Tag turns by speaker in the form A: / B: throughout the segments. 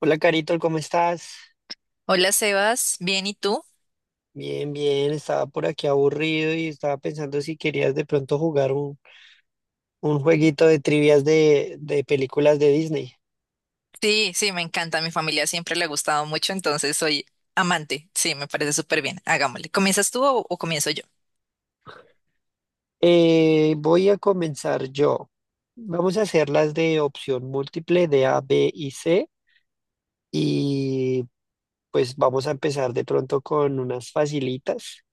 A: Hola Carito, ¿cómo estás?
B: Hola Sebas, ¿bien y tú?
A: Bien, bien, estaba por aquí aburrido y estaba pensando si querías de pronto jugar un jueguito de trivias de películas de Disney.
B: Sí, me encanta, a mi familia siempre le ha gustado mucho, entonces soy amante, sí, me parece súper bien, hagámosle. ¿Comienzas tú o comienzo yo?
A: Voy a comenzar yo. Vamos a hacerlas de opción múltiple de A, B y C y pues vamos a empezar de pronto con unas facilitas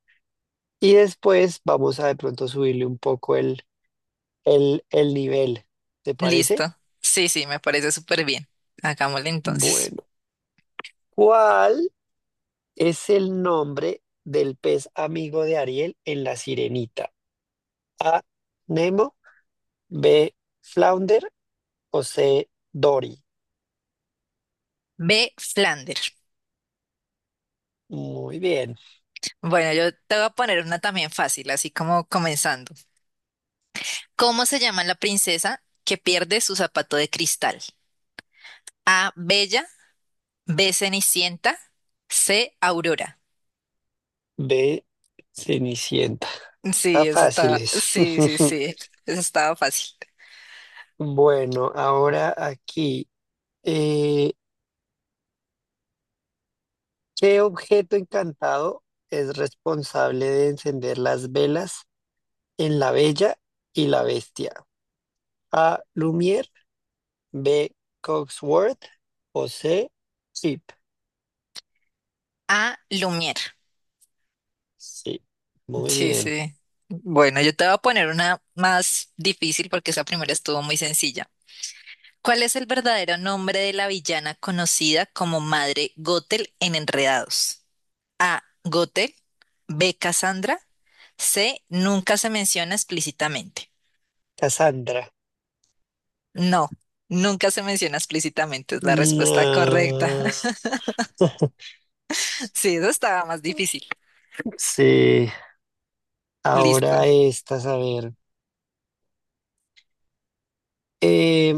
A: y después vamos a de pronto subirle un poco el nivel. ¿Te
B: Listo,
A: parece?
B: sí, me parece súper bien, hagámosle entonces.
A: Bueno, ¿cuál? Es el nombre del pez amigo de Ariel en La Sirenita. A, Nemo, B, Flounder o C, Dory.
B: B. Flander.
A: Muy bien.
B: Bueno, yo te voy a poner una también fácil, así como comenzando. ¿Cómo se llama la princesa que pierde su zapato de cristal? A. Bella, B. Cenicienta, C. Aurora.
A: B, Cenicienta. Está
B: Sí, eso está,
A: fáciles.
B: sí, sí, sí, eso estaba fácil.
A: Bueno, ahora aquí, eh, ¿qué objeto encantado es responsable de encender las velas en La Bella y la Bestia? A, Lumière, B, Cogsworth o C, Chip.
B: A. Lumière.
A: Sí, muy
B: Sí,
A: bien.
B: sí. Bueno, yo te voy a poner una más difícil porque esa primera estuvo muy sencilla. ¿Cuál es el verdadero nombre de la villana conocida como Madre Gothel en Enredados? A. Gothel. B. Cassandra. C. Nunca se menciona explícitamente.
A: Cassandra.
B: No, nunca se menciona explícitamente es la respuesta correcta.
A: No.
B: Sí, eso estaba más difícil.
A: Sí,
B: Listo.
A: ahora estas, a ver. Eh,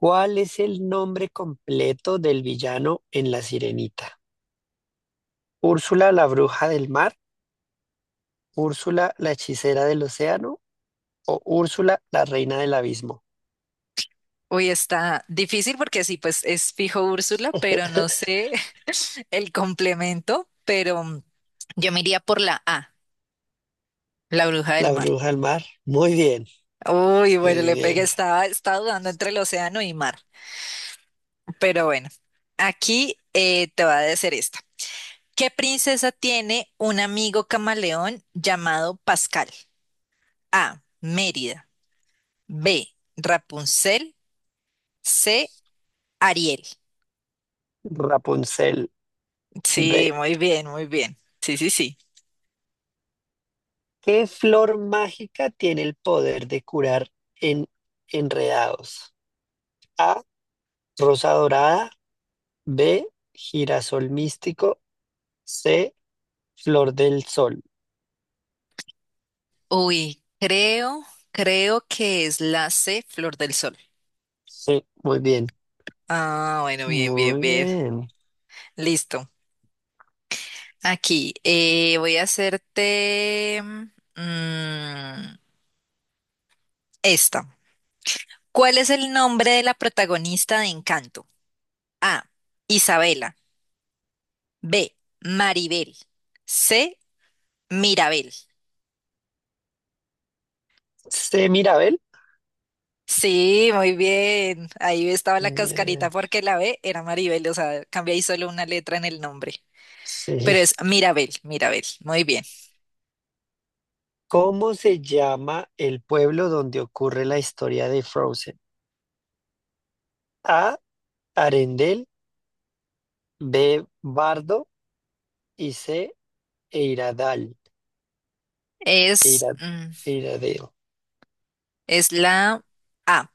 A: ¿cuál es el nombre completo del villano en La Sirenita? ¿Úrsula la bruja del mar? ¿Úrsula la hechicera del océano? ¿O Úrsula la reina del abismo?
B: Uy, está difícil porque sí, pues es fijo Úrsula, pero no sé el complemento, pero yo me iría por la A, la bruja
A: La
B: del mar.
A: bruja del mar. Muy bien,
B: Uy, bueno,
A: muy
B: le pegué,
A: bien.
B: estaba dudando entre el océano y mar. Pero bueno, aquí te va a decir esta. ¿Qué princesa tiene un amigo camaleón llamado Pascal? A. Mérida. B. Rapunzel. C. Ariel.
A: Rapunzel.
B: Sí,
A: B.
B: muy bien, muy bien. Sí, sí, sí.
A: ¿Qué flor mágica tiene el poder de curar en enredados? A, rosa dorada. B, girasol místico. C, flor del sol.
B: Uy, creo que es la C, Flor del Sol.
A: Sí, muy bien.
B: Ah, bueno, bien, bien,
A: Muy
B: bien.
A: bien.
B: Listo. Aquí, voy a hacerte esta. ¿Cuál es el nombre de la protagonista de Encanto? A. Isabela. B. Maribel. C. Mirabel.
A: C, Mirabel.
B: Sí, muy bien. Ahí estaba la cascarita
A: Bien,
B: porque la B era Maribel, o sea, cambié ahí solo una letra en el nombre. Pero
A: sí.
B: es Mirabel, Mirabel. Muy bien.
A: ¿Cómo se llama el pueblo donde ocurre la historia de Frozen? A, Arendel. B, Bardo. Y C, Eiradal.
B: Es,
A: Eira- Eiradeo.
B: es la A.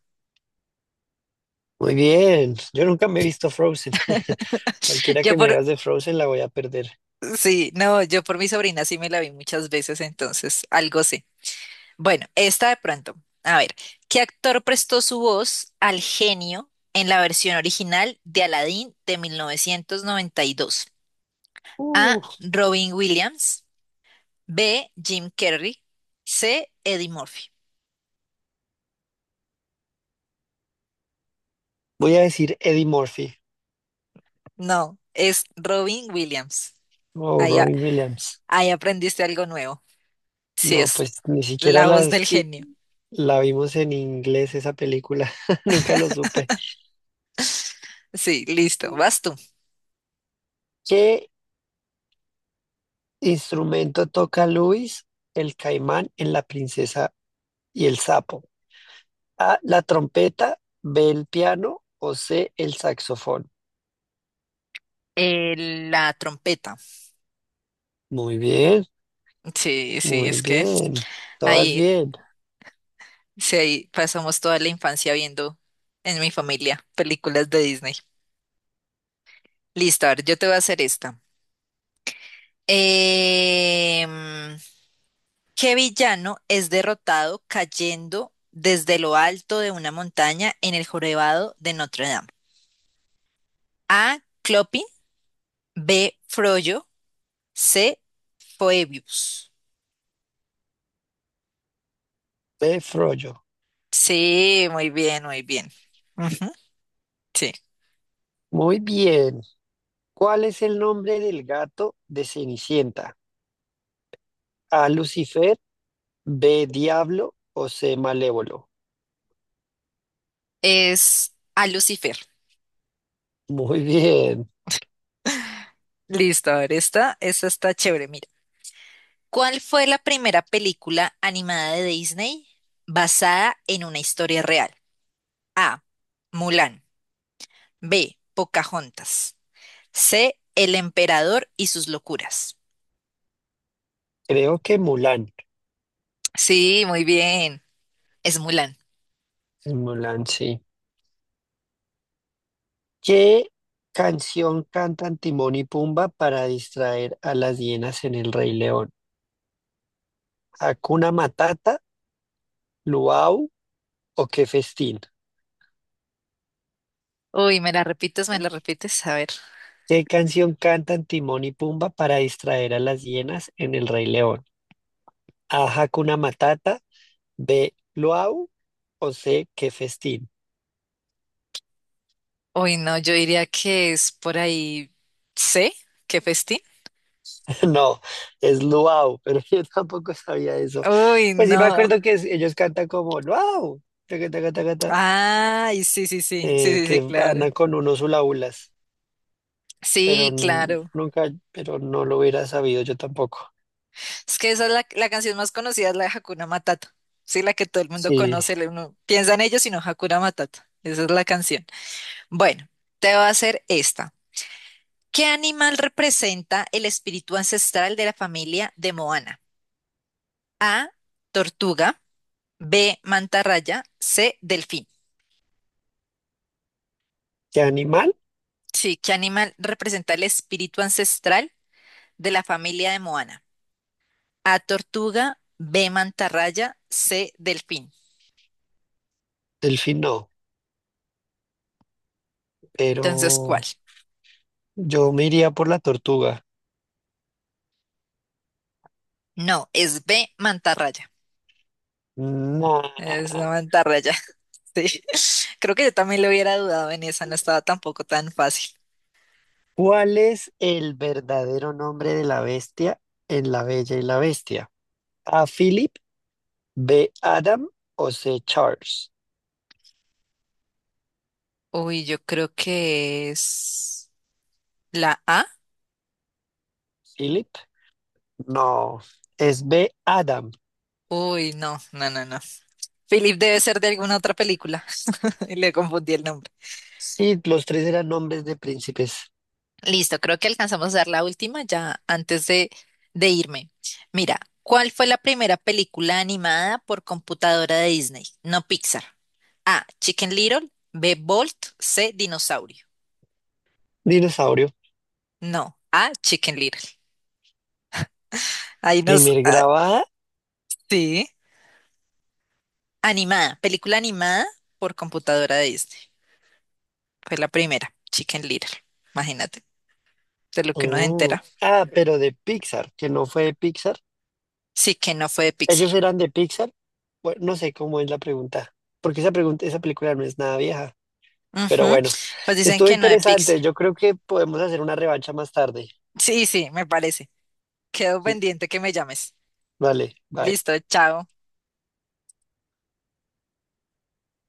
A: Muy bien. Yo nunca me he visto Frozen. Cualquiera
B: Yo
A: que me
B: por,
A: hagas de Frozen la voy a perder.
B: sí, no, yo por mi sobrina sí me la vi muchas veces, entonces algo sé. Bueno, esta de pronto. A ver, ¿qué actor prestó su voz al genio en la versión original de Aladdin de 1992?
A: Uh,
B: A. Robin Williams. B. Jim Carrey. C. Eddie Murphy.
A: Voy a decir Eddie Murphy
B: No, es Robin Williams.
A: o
B: Ahí, a-
A: Robin Williams.
B: ahí aprendiste algo nuevo. Sí,
A: No,
B: es
A: pues ni siquiera
B: la voz del genio.
A: la vimos en inglés esa película. Nunca lo supe.
B: Sí, listo, vas tú.
A: ¿Qué instrumento toca Luis, el caimán en La princesa y el sapo? A, la trompeta, B, el piano o C, el saxofón.
B: Eh, la trompeta.
A: Muy bien,
B: Sí, sí,
A: muy
B: es que
A: bien. Todas
B: ahí,
A: bien.
B: sí, ahí pasamos toda la infancia viendo en mi familia películas de Disney. Listo, a ver, yo te voy a hacer esta. Em, ¿Qué villano es derrotado cayendo desde lo alto de una montaña en el jorobado de Notre Dame? A. Clopin, B. Frollo, C. Phoebus.
A: B, Frollo.
B: Sí, muy bien, muy bien. Ujú, sí,
A: Muy bien. ¿Cuál es el nombre del gato de Cenicienta? A, Lucifer. B, Diablo o C, Malévolo.
B: es a Lucifer.
A: Muy bien.
B: Listo, a ver, esta está chévere, mira. ¿Cuál fue la primera película animada de Disney basada en una historia real? A. Mulan. B. Pocahontas. C. El emperador y sus locuras.
A: Creo que Mulan.
B: Sí, muy bien. Es Mulan.
A: Mulan, sí. ¿Qué canción cantan Timón y Pumba para distraer a las hienas en El Rey León? ¿Hakuna Matata, Luau o Qué Festín?
B: Uy, ¿me la repites? ¿Me la repites? A ver.
A: ¿Qué canción cantan Timón y Pumba para distraer a las hienas en El Rey León? A, Hakuna Matata, B, Luau o C, Qué Festín.
B: Uy, no, yo diría que es por ahí C. ¿Qué festín?
A: No, es luau, pero yo tampoco sabía eso.
B: Uy,
A: Pues sí me
B: no.
A: acuerdo que ellos cantan como luau, taca, taca, taca, ta,
B: Ay, sí, sí, sí. Sí, sí, sí,
A: que
B: claro.
A: andan con unos hulahulas, pero
B: Sí, claro.
A: nunca, pero no lo hubiera sabido yo tampoco.
B: Es que esa es la canción más conocida, es la de Hakuna Matata. Sí, la que todo el mundo
A: Sí,
B: conoce, le- uno piensa en ellos, sino Hakuna Matata. Esa es la canción. Bueno, te voy a hacer esta. ¿Qué animal representa el espíritu ancestral de la familia de Moana? A, tortuga, B, mantarraya, C, delfín.
A: de animal,
B: Sí, ¿qué animal representa el espíritu ancestral de la familia de Moana? A, tortuga, B, mantarraya, C, delfín.
A: delfín no,
B: Entonces, ¿cuál?
A: pero yo me iría por la tortuga.
B: No, es B, mantarraya. Es una
A: Nah.
B: mantarraya. Sí, creo que yo también lo hubiera dudado en esa, no estaba tampoco tan fácil.
A: ¿Cuál es el verdadero nombre de la bestia en La Bella y la Bestia? ¿A Philip, B. Adam o C. Charles?
B: Uy, yo creo que es la A.
A: Philip, no, es B. Adam.
B: Uy, no, no, no, no. Philip debe ser de alguna otra película. Y le confundí el nombre.
A: Sí, los tres eran nombres de príncipes.
B: Listo, creo que alcanzamos a dar la última ya antes de irme. Mira, ¿cuál fue la primera película animada por computadora de Disney? No Pixar. A. Chicken Little. B. Bolt. C. Dinosaurio.
A: Dinosaurio.
B: No. A. Chicken Little. Ahí nos...
A: Primer
B: ah,
A: grabada.
B: sí. Animada, película animada por computadora de Disney. Fue la primera, Chicken Little. Imagínate, de lo que uno se
A: Oh,
B: entera.
A: ah, pero de Pixar, que no fue de Pixar.
B: Sí, que no fue de Pixar.
A: Ellos eran de Pixar. Bueno, no sé cómo es la pregunta, porque esa pregunta, esa película no es nada vieja. Pero
B: Ujú,
A: bueno,
B: pues dicen
A: estuvo
B: que no de Pixar.
A: interesante. Yo creo que podemos hacer una revancha más tarde.
B: Sí, sí, me parece. Quedo pendiente que me llames.
A: Vale, bye.
B: Listo, chao.